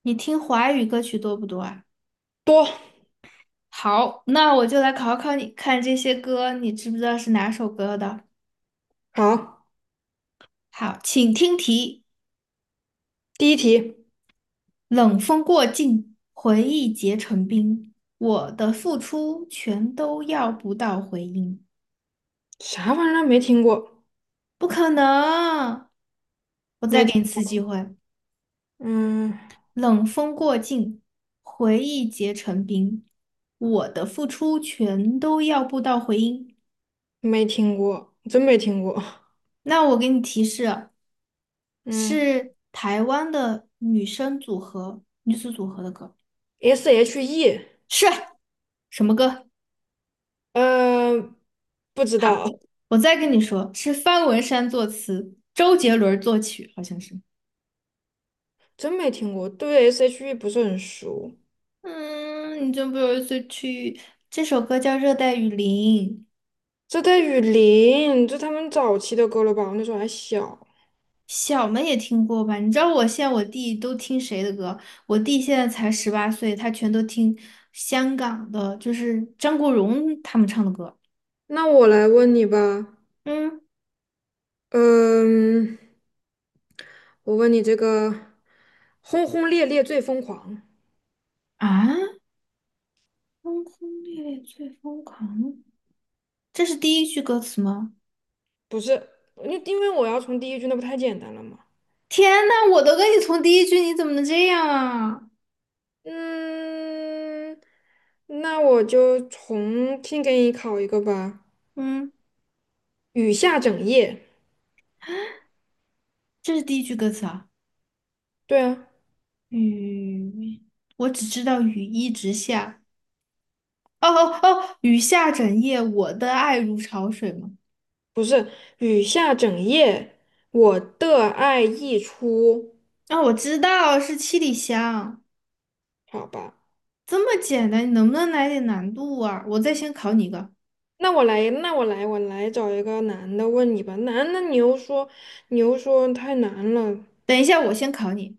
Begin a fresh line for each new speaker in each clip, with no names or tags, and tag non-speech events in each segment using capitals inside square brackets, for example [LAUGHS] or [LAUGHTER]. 你听华语歌曲多不多啊？
多。
好，那我就来考考你，看这些歌你知不知道是哪首歌的？
好，
好，请听题：
第一题，
冷风过境，回忆结成冰，我的付出全都要不到回音。
啥玩意儿没听过？
不可能！我再
没听，
给你次机会：
嗯，
冷风过境，回忆结成冰，我的付出全都要不到回音。
没听过，真没听过。
那我给你提示。
嗯
是台湾的女生组合、女子组合的歌，
，SHE，
是什么歌？
呃，不知道，
好，我再跟你说，是方文山作词，周杰伦作曲，好像是。
真没听过，对 SHE 不是很熟。
嗯，你真不由自己去。这首歌叫《热带雨林》，
这带雨林，这他们早期的歌了吧？我那时候还小。
小们也听过吧？你知道我现在我弟都听谁的歌？我弟现在才18岁，他全都听香港的，就是张国荣他们唱的歌。
那我来问你吧，
嗯
嗯，我问你这个"轰轰烈烈最疯狂"
啊，轰轰烈烈最疯狂。这是第一句歌词吗？
不是？你因为我要从第一句，那不太简单了吗？
天呐，我都跟你从第一句，你怎么能这样啊？
嗯，那我就重新给你考一个吧。
嗯，
雨下整夜，
这是第一句歌词啊。
对啊，
雨，我只知道雨一直下。哦哦哦，雨下整夜，我的爱如潮水吗？
不是雨下整夜，我的爱溢出，
啊、我知道是七里香。
好吧。
这么简单，你能不能来点难度啊？我再先考你一个。
那我来，那我来，我来找一个男的问你吧。男的你又说太难了。
等一下，我先考你。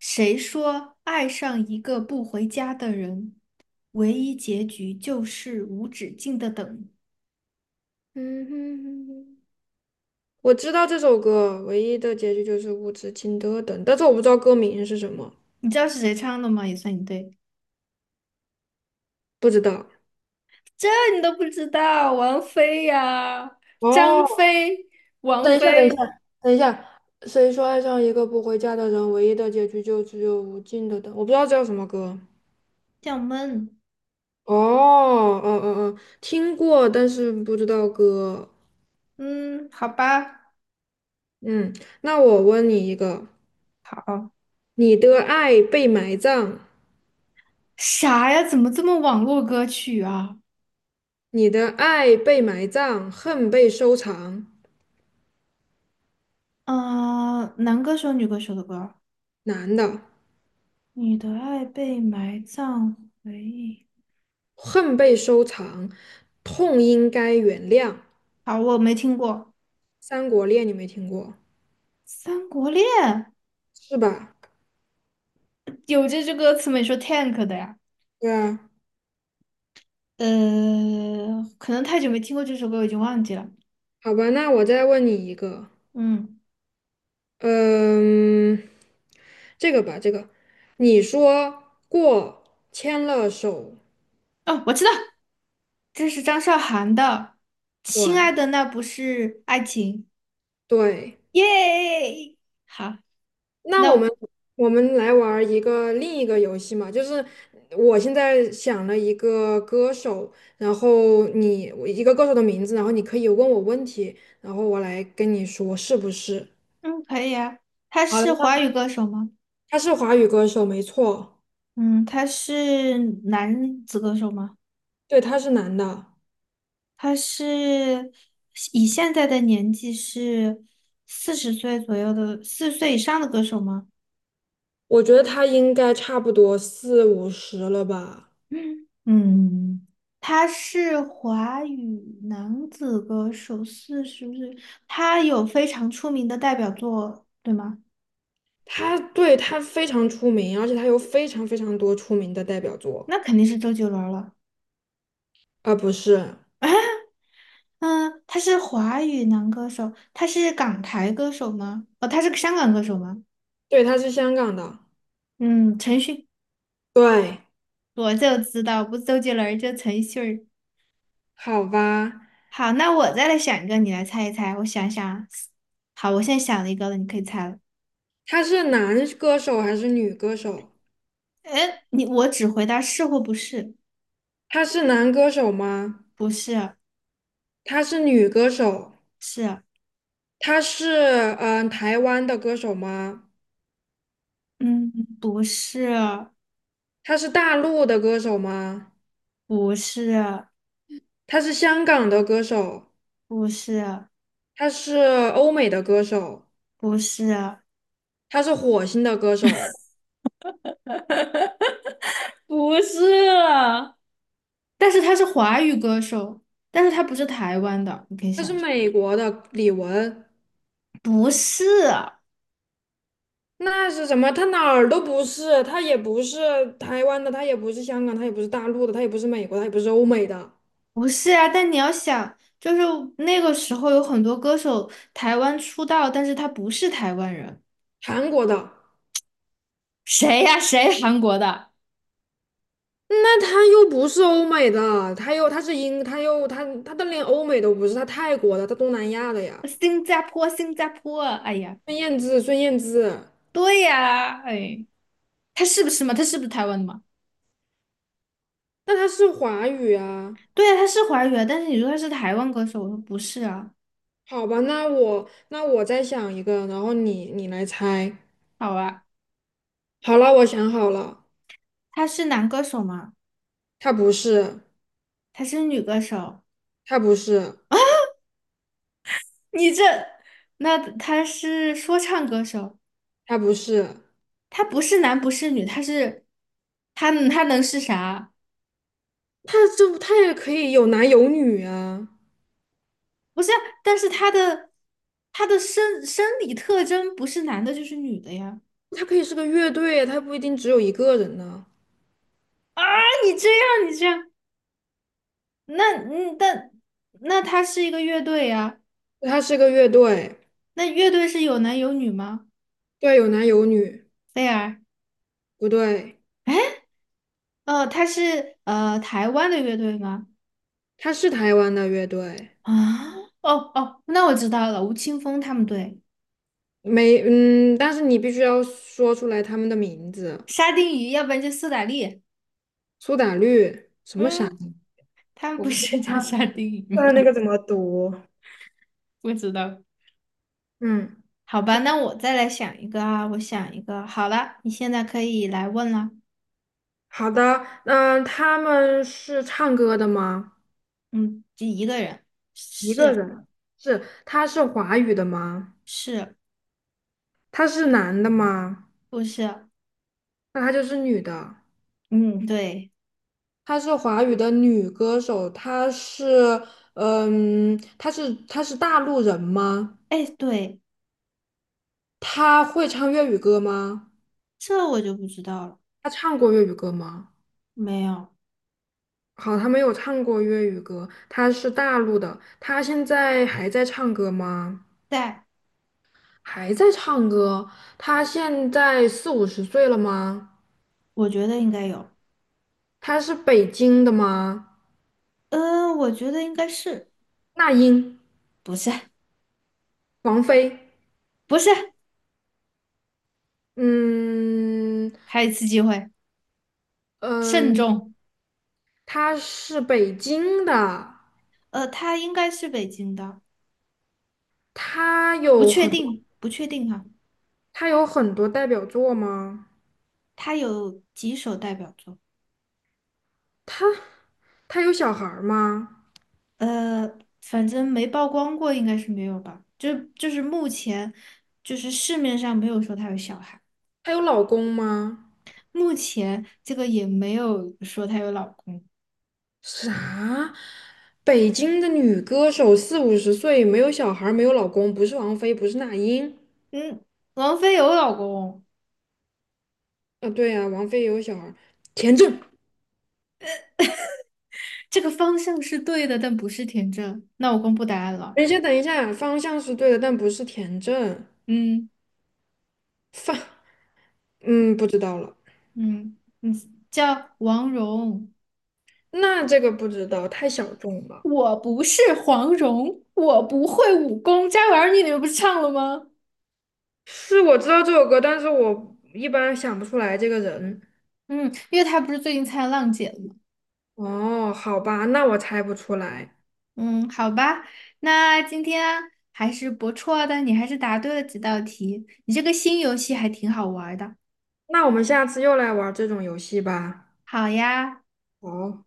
谁说爱上一个不回家的人，唯一结局就是无止境的等？
嗯哼哼哼，我知道这首歌唯一的结局就是无止境的等，但是我不知道歌名是什么，
你知道是谁唱的吗？也算你对，
不知道。
这你都不知道，王菲呀、张
哦，
飞、王
等一下，等一下，
菲，
等一下。谁说爱上一个不回家的人，唯一的结局就只有无尽的等？我不知道这叫什么歌。
叫闷。
哦，哦哦哦，听过，但是不知道歌。
嗯，好吧，
嗯，那我问你一个：
好。
你的爱被埋葬，
啥呀？怎么这么网络歌曲啊？
你的爱被埋葬，恨被收藏。
啊、男歌手、女歌手的歌。
男的，
你的爱被埋葬回忆。
恨被收藏，痛应该原谅。
好，我没听过
《三国恋》你没听过
《三国恋》，
是吧？
有这句歌词没说 tank 的呀？
对啊，
呃，可能太久没听过这首歌，我已经忘记了。
好吧，那我再问你一个。
嗯，
嗯，这个吧，这个，你说过牵了手，
哦，我知道。这是张韶涵的《亲爱
对
的那不是爱情》，
对，
耶！好，
那
那
我们
我
我们来玩儿一个另一个游戏嘛，就是我现在想了一个歌手，然后你我一个歌手的名字，然后你可以问我问题，然后我来跟你说是不是？
嗯可以啊。他
好
是
的，那
华语
好
歌手吗？
他是华语歌手，没错，
嗯，他是男子歌手吗？
对，他是男的，
他是以现在的年纪是四十岁左右的，四十岁以上的歌手吗？
我觉得他应该差不多四五十了吧。
[CLEARS THROAT] 嗯，嗯，他是华语男子歌手，四十岁，他有非常出名的代表作，对吗？
他对他非常出名，而且他有非常非常多出名的代表作，
那肯定是周杰伦了。
啊，不是，
嗯，他是华语男歌手，他是港台歌手吗？哦，他是个香港歌手吗？
对，他是香港的，
嗯，陈迅，
对，
我就知道，不是周杰伦儿就陈迅儿。
好吧，
好，那我再来想一个，你来猜一猜。我想想啊。好，我现在想了一个了，你可以猜了。
他是男歌手还是女歌手？
哎，你我只回答是或不是，
他是男歌手吗？
不是，
他是女歌手？
是，
他是台湾的歌手吗？
嗯，不是，
他是大陆的歌手吗？
不是，
他是香港的歌手？
不是，
他是欧美的歌手？
不是，
他是火星的歌手？
[LAUGHS] 不是，但是他是华语歌手，但是他不是台湾的，你可以
他
想
是
一下，
美国的李玟？
不是啊，
那是什么？他哪儿都不是，他也不是台湾的，他也不是香港，他也不是大陆的，他也不是美国，他也不是欧美的，
不是啊。但你要想，就是那个时候有很多歌手台湾出道，但是他不是台湾人，
韩国的。
谁呀、谁 [LAUGHS] 韩国的？
那他又不是欧美的，他又他是英，他又他他的连欧美都不是，他泰国的，他东南亚的呀。
新加坡，新加坡，哎呀，
孙燕姿，孙燕姿，
对呀、哎，他是不是嘛？他是不是台湾的嘛？
那他是华语啊？
对呀、他是华语啊，但是你说他是台湾歌手，我说不是啊，
好吧，那我再想一个，然后你来猜。
好啊，
好了，我想好了，
他是男歌手吗？
他不是，
他是女歌手，
他不是，
你这，那他是说唱歌手，
他不是。
他不是男不是女，他是，他能是啥？
他这他也可以有男有女啊，
不是啊但是他的生理特征不是男的就是女的呀。
他可以是个乐队啊，他不一定只有一个人呢、
啊，你这样你这样，那嗯，但那他是一个乐队呀，
他是个乐队，
那乐队是有男有女吗？
对，有男有女，
菲儿，
不对，
哦，他是台湾的乐队吗？
他是台湾的乐队，
啊，哦哦，那我知道了，吴青峰他们队，
没，但是你必须要说出来他们的名字，
沙丁鱼，要不然就苏打绿，
苏打绿，什么傻？
嗯。他们不是叫沙丁鱼吗？
读
[LAUGHS] 不知道。
嗯，
好吧，那我再来想一个啊，我想一个。好了，你现在可以来问了。
好的，嗯，他们是唱歌的吗？
嗯，就一个人，
一个
是
人，是，他是华语的吗？
是
他是男的吗？
不是？
那他就是女的。
嗯，对，
她是华语的女歌手，她是，嗯，她是大陆人吗？
哎，对，
她会唱粤语歌吗？
这我就不知道了。
她唱过粤语歌吗？
没有，
好，她没有唱过粤语歌，她是大陆的，她现在还在唱歌吗？
在，
还在唱歌，她现在四五十岁了吗？
我觉得应该有。
她是北京的吗？
我觉得应该是，
那英，
不是，
王菲，
不是，
嗯
还有一次机会，慎
嗯，
重。
她是北京的。
他应该是北京的，
他
不
有
确
很多，
定，不确定哈、
他有很多代表作吗？
他有几首代表作？
他他有小孩儿吗？
反正没曝光过，应该是没有吧？就是目前，就是市面上没有说她有小孩，
他有老公吗？
目前这个也没有说她有老公。
啥？北京的女歌手四五十岁，没有小孩儿，没有老公，不是王菲，不是那英。
嗯，王菲有老公，
啊，对呀、王菲也有小孩儿，田震。
这个方向是对的，但不是田震。那我公布答案了。
等一下，等一下，方向是对的，但不是田震。
嗯
放，嗯，不知道了。
嗯嗯，叫王蓉。
那这个不知道，太小众了。
我不是黄蓉，我不会武功。这玩意儿你们不是唱了吗？
是我知道这首歌，但是我一般想不出来这个人。
嗯，因为她不是最近参加浪姐了。
哦，好吧，那我猜不出来。
嗯，好吧，那今天还是不错的，你还是答对了几道题，你这个新游戏还挺好玩儿的。
那我们下次又来玩这种游戏吧。
好呀，
好。